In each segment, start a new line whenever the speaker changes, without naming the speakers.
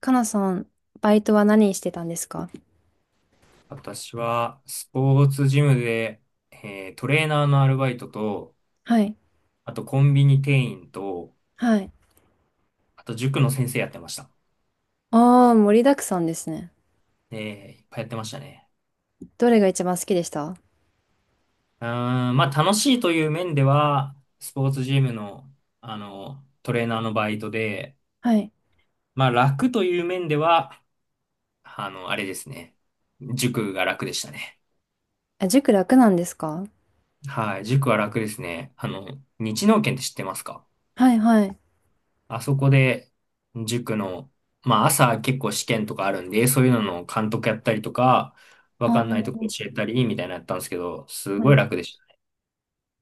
かなさん、バイトは何してたんですか？
私は、スポーツジムで、トレーナーのアルバイトと、
はい。
あとコンビニ店員と、
はい。
あと塾の先生やってました。
ああ、盛りだくさんですね。
えいっぱいやってましたね。
どれが一番好きでした？
うーん、まあ楽しいという面では、スポーツジムの、トレーナーのバイトで、
はい。
まあ楽という面では、あれですね。塾が楽でしたね。
あ、塾楽なんですか？
はい、塾は楽ですね。日農研って知ってますか？
はいはい。
あそこで、塾の、まあ朝結構試験とかあるんで、そういうのの監督やったりとか、わかんないと
あ
こ教えたり、みたいなのやったんですけど、す
あ、は
ごい
い。
楽でしたね。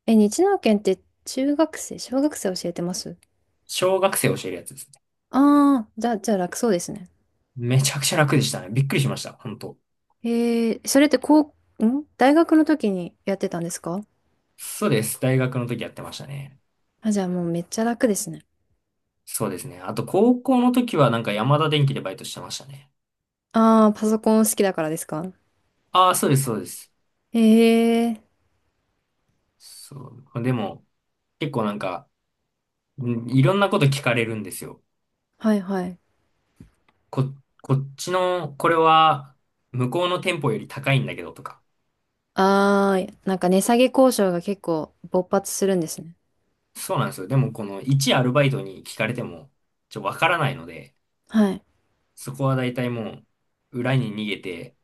え、日南研って中学生、小学生教えてます？
小学生教えるやつですね。
ああー、じゃあ、楽そうですね。
めちゃくちゃ楽でしたね。びっくりしました、本当。
それってこう、大学の時にやってたんですか？
そうです。大学の時やってましたね。
あ、じゃあもうめっちゃ楽ですね。
そうですね。あと高校の時はなんか山田電機でバイトしてましたね。
ああ、パソコン好きだからですか？
ああ、そうです、そうです。
ええー。
そう。でも、結構なんか、いろんなこと聞かれるんですよ。
はいはい。
こ、こっちの、これは、向こうの店舗より高いんだけどとか。
あー、なんか値下げ交渉が結構勃発するんですね。
そうなんですよ。でも、この一アルバイトに聞かれても、わからないので、
はい。
そこは大体もう、裏に逃げて、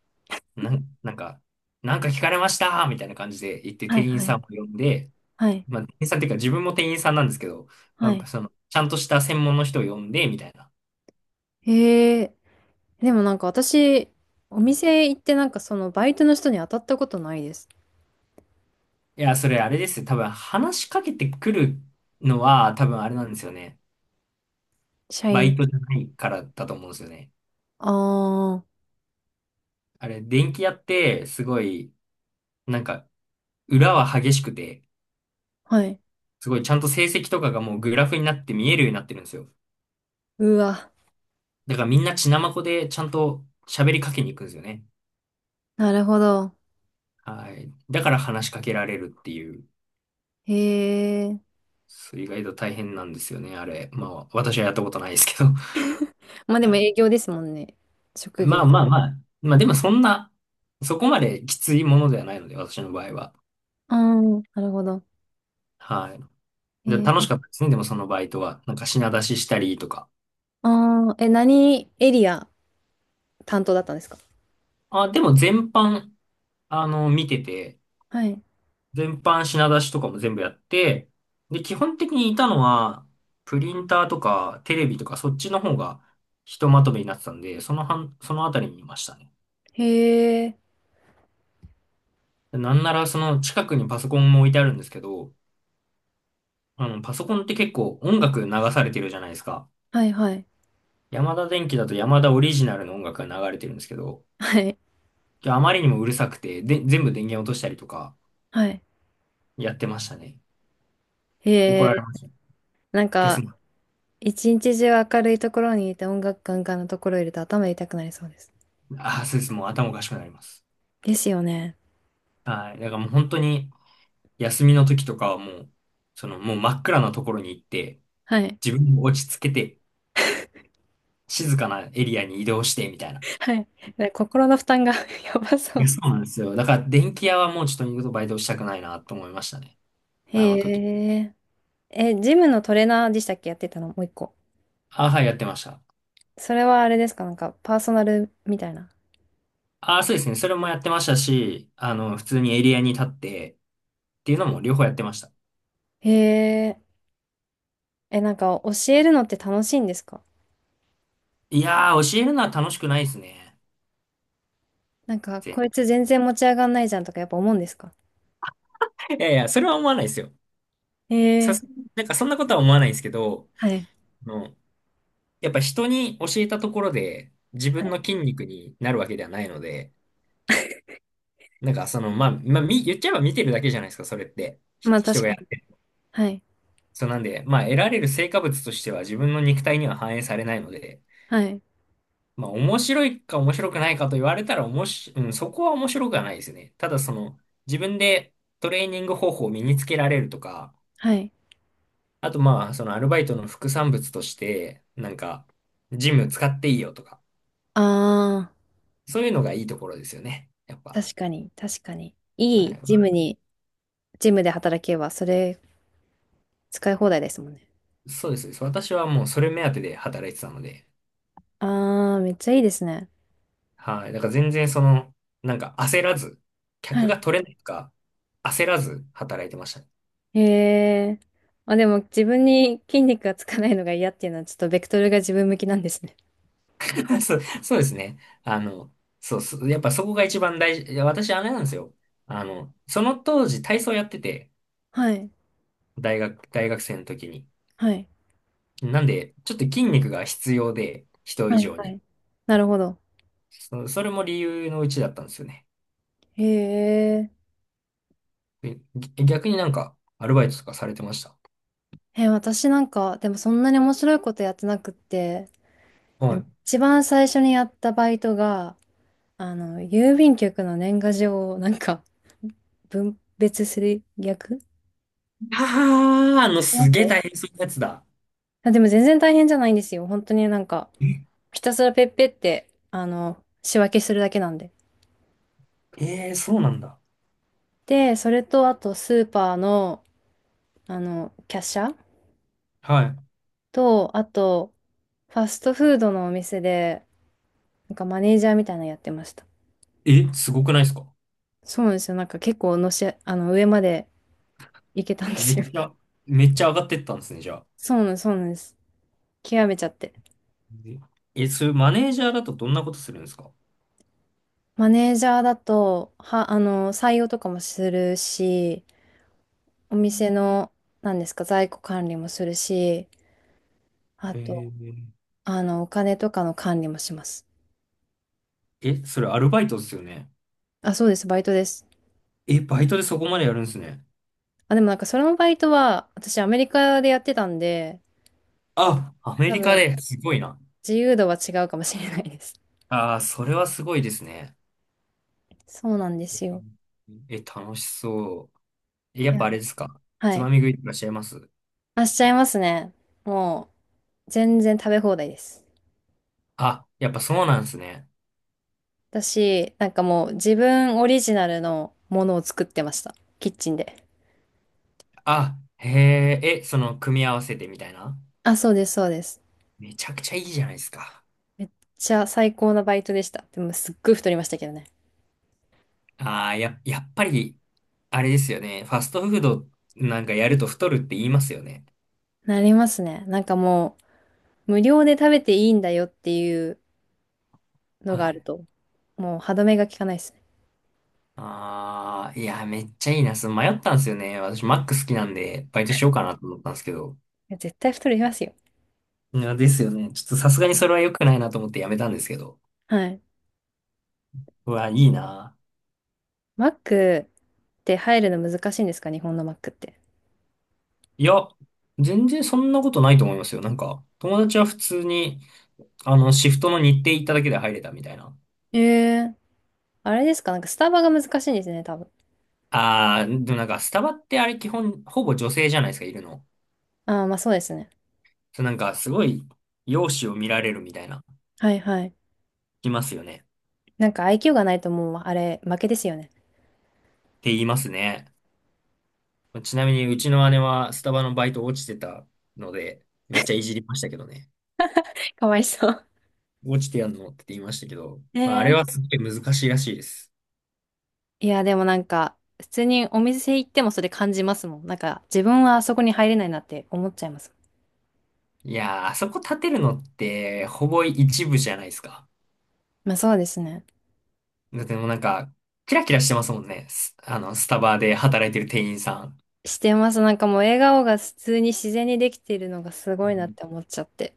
なん、なんか、なんか聞かれましたみたいな感じで言って
はい、
店員
は
さ
い、
んを呼んで、
はい、
まあ、店員さんっていうか自分も店員さんなんですけど、
は
まあ、
い。
その、ちゃんとした専門の人を呼んで、みたいな。
へえ、でもなんか私、お店行ってなんかそのバイトの人に当たったことないです。
いや、それあれですよ。多分話しかけてくるのは、多分あれなんですよね。
社
バ
員。
イトじゃないからだと思うんですよね。
ああ、
あれ、電気屋って、すごい、なんか、裏は激しくて、
はい。
すごいちゃんと成績とかがもうグラフになって見えるようになってるんですよ。
うわ、
だからみんな血まこでちゃんと喋りかけに行くんですよね。
なるほど。
はい。だから話しかけられるっていう、
へえ。
そう意外と大変なんですよね、あれ。まあ、私はやったことないですけど。
まあでも営業ですもんね。職
まあ
業。
まあまあ、まあでもそんな、そこまできついものではないので、私の場合は。
ああ、なるほど。
はい。
え
で、楽し
ー。
かったですね、でもそのバイトは。なんか品出ししたりとか。
ああ、え、何エリア担当だったんですか？
あ、でも全般、見てて、
はい。
全般品出しとかも全部やって、で、基本的にいたのは、プリンターとかテレビとかそっちの方がひとまとめになってたんで、その半、そのあたりにいましたね。
へえ、
なんならその近くにパソコンも置いてあるんですけど、パソコンって結構音楽流されてるじゃないですか。
はいはい。
ヤマダ電機だとヤマダオリジナルの音楽が流れてるんですけど、
はい、
あまりにもうるさくて、で、全部電源落としたりとか
はい。
やってましたね。
へ
怒ら
え。
れました。
なん
消
か、
すな。
一日中明るいところにいて音楽ガンガンのところいると頭痛くなりそうです。
ああ、そうです。もう頭おかしくなります。
ですよね。
はい。だからもう本当に、休みの時とかはもう、そのもう真っ暗なところに行って、
はい。
自分を落ち着けて、静かなエリアに移動して、みたいな。
はい。で心の負担が やば
い
そ
や、
う。
そうなんですよ。だから電気屋はもうちょっと二度とバイトしたくないなと思いましたね。
へ
あの時。
え。え、ジムのトレーナーでしたっけ？やってたのもう一個。
あ、はい、やってました。
それはあれですか？なんか、パーソナルみたいな。
あ、そうですね。それもやってましたし、普通にエリアに立ってっていうのも両方やってました。
へえ。え、なんか、教えるのって楽しいんですか？
いやー、教えるのは楽しくないですね。
なんか、
全
こいつ全然持ち上がんないじゃんとかやっぱ思うんですか？
然いやいや、それは思わないですよ。
へ
さ
え。
す、なんかそんなことは思わないですけど、
はい。
あのやっぱ人に教えたところで自
は
分
い。
の筋肉になるわけではないので、なんかその、まあ、まあ、言っちゃえば見てるだけじゃないですか、それって。
まあ
人
確
が
か
やっ
に。
てる。
はい。
そうなんで、まあ、得られる成果物としては自分の肉体には反映されないので、
はい。
まあ、面白いか面白くないかと言われたら、おもし、うん、そこは面白くはないですね。ただ、その、自分でトレーニング方法を身につけられるとか、
はい。
あと、まあ、そのアルバイトの副産物として、なんか、ジム使っていいよとか、
ああ。
そういうのがいいところですよね。やっぱ。
確かに、確かに。
は
いい
い、
ジムに、ジムで働けば、それ使い放題ですもんね。
そうです。私はもうそれ目当てで働いてたので、
あー、めっちゃいいですね。
はい。だから全然その、なんか焦らず、客
は
が
い。
取れないとか、焦らず働いてましたね。
へえ。あ、でも自分に筋肉がつかないのが嫌っていうのは、ちょっとベクトルが自分向きなんですね。
そう、そうですね。そう、そうやっぱそこが一番大事。いや、私あれなんですよ。その当時体操やってて、
はい。
大学生の時に。
はい。
なんで、ちょっと筋肉が必要で、人以
はい。
上
は
に。
い。なるほど。
それも理由のうちだったんですよね。
へえ。
逆になんか、アルバイトとかされてました？
え、私なんか、でもそんなに面白いことやってなくって、
は
でも
い。
一番最初にやったバイトが、郵便局の年賀状をなんか分別する役や
ああ、
りま
すげえ大
す。
変そうなやつだ。
あ、でも全然大変じゃないんですよ。本当になんか、
え、
ひたすらペッペって、仕分けするだけなんで。
そうなんだ。
で、それと、あと、スーパーの、キャッシャー
は
と、あと、ファストフードのお店で、なんかマネージャーみたいなのやってました。
い。え、すごくないですか？
そうなんですよ。なんか結構のし、あの、上まで行けたんで
め
すよ。
っちゃ、めっちゃ上がってったんですね、じゃあ。
そうなんです、そうなんです。極めちゃって。
え、それマネージャーだとどんなことするんですか？
マネージャーだと、は、あの、採用とかもするし、お
う
店
ん。
の、なんですか、在庫管理もするし、あ
え
と、
ー、
お金とかの管理もします。
え、それアルバイトですよね。
あ、そうです、バイトです。
え、バイトでそこまでやるんですね。
あ、でもなんかそのバイトは、私アメリカでやってたんで、
あ、アメ
多
リカ
分、
ですごいな。
自由度は違うかもしれないです。
ああ、それはすごいですね。
そうなんで
え、
すよ。
え、楽しそう。え、や
い
っぱ
や、
あれですか？
は
つま
い。
み食いってらっしゃいます？
あ、しちゃいますね。もう、全然食べ放題です。
あ、やっぱそうなんですね。
私、なんかもう、自分オリジナルのものを作ってました。キッチンで。
あ、へえ、え、その、組み合わせてみたいな。
あ、そうです、そうです。
めちゃくちゃいいじゃないですか。
めっちゃ最高なバイトでした。でも、すっごい太りましたけどね。
ああ、やっぱり、あれですよね。ファストフードなんかやると太るって言いますよね。
なりますね。なんかもう、無料で食べていいんだよっていう、の
は
がある
い。
と、もう歯止めが効かないですね。
ああ、いや、めっちゃいいな。その迷ったんですよね。私、マック好きなんで、バイトしようかなと思ったんですけど。
いや絶対太りますよ。
いや、ですよね。ちょっとさすがにそれは良くないなと思ってやめたんですけど。
はい。
うわ、いいな。
マックって入るの難しいんですか？日本のマックって。
いや、全然そんなことないと思いますよ。なんか、友達は普通に、シフトの日程行っただけで入れたみたいな。
ええ。あれですか？なんかスタバが難しいんですね、多分。
ああ、でもなんか、スタバってあれ基本、ほぼ女性じゃないですか、いるの。
ああ、まあそうですね。
そう、なんか、すごい、容姿を見られるみたいな、
はいはい。
いますよね。っ
なんかIQ がないともうあれ負けですよね。
て言いますね。ちなみに、うちの姉はスタバのバイト落ちてたので、めっちゃいじりましたけどね。
かわいそう。
落ちてやんのって言いましたけど、まあ、あれ
え
は
え。
すごい難しいらしいです。
いや、でもなんか、普通にお店行ってもそれ感じますもん。なんか、自分はあそこに入れないなって思っちゃいます。
いやー、あそこ立てるのって、ほぼ一部じゃないですか。
まあそうですね。
だってもうなんか、キラキラしてますもんね。スあの、スタバで働いてる店員さん。
してます。なんかもう笑顔が普通に自然にできているのがすごいなって思っちゃって。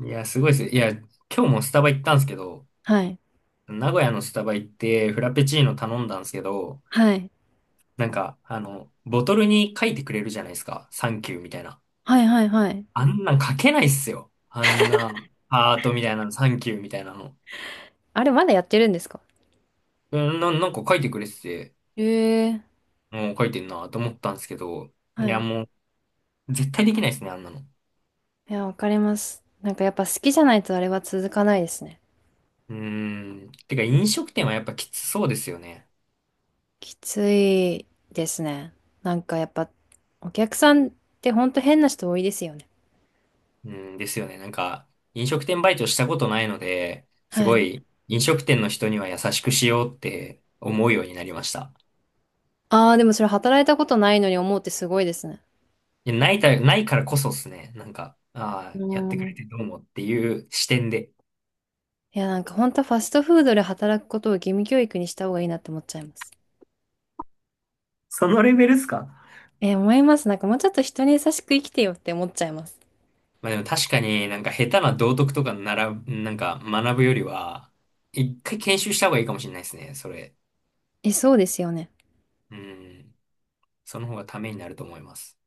いや、すごいです。いや、今日もスタバ行ったんですけど、
はい。
名古屋のスタバ行ってフラペチーノ頼んだんですけど、
はい。
なんか、ボトルに書いてくれるじゃないですか。サンキューみたいな。
はいはいはい。
あんなん書けないっすよ。あんな、ハートみたいなの、サンキューみたいなの。
あれ、まだやってるんですか？
なんか書いてくれてて、
ええ。
もう書いてんなと思ったんですけど、い
は
や、
い。
もう、絶対できないですね、あんなの。
いや、わかります。なんかやっぱ好きじゃないとあれは続かないですね。
うーん。てか、飲食店はやっぱきつそうですよね。
きついですね。なんかやっぱ、お客さんってほんと変な人多いですよね。
うんですよね。なんか、飲食店バイトしたことないので、す
は
ご
い。
い飲食店の人には優しくしようって思うようになりました。
ああ、でもそれ働いたことないのに思うってすごいですね。
ないからこそですね。なんか、ああ、
う
やってくれ
ん。
てどうもっていう視点で。
いや、なんかほんとファストフードで働くことを義務教育にした方がいいなって思っちゃいます。
そのレベルっすか？
思います。なんかもうちょっと人に優しく生きてよって思っちゃいます。
まあでも確かになんか下手な道徳とかなら、なんか学ぶよりは、一回研修した方がいいかもしれないですね。それ。
え、そうですよね。
うん。その方がためになると思います。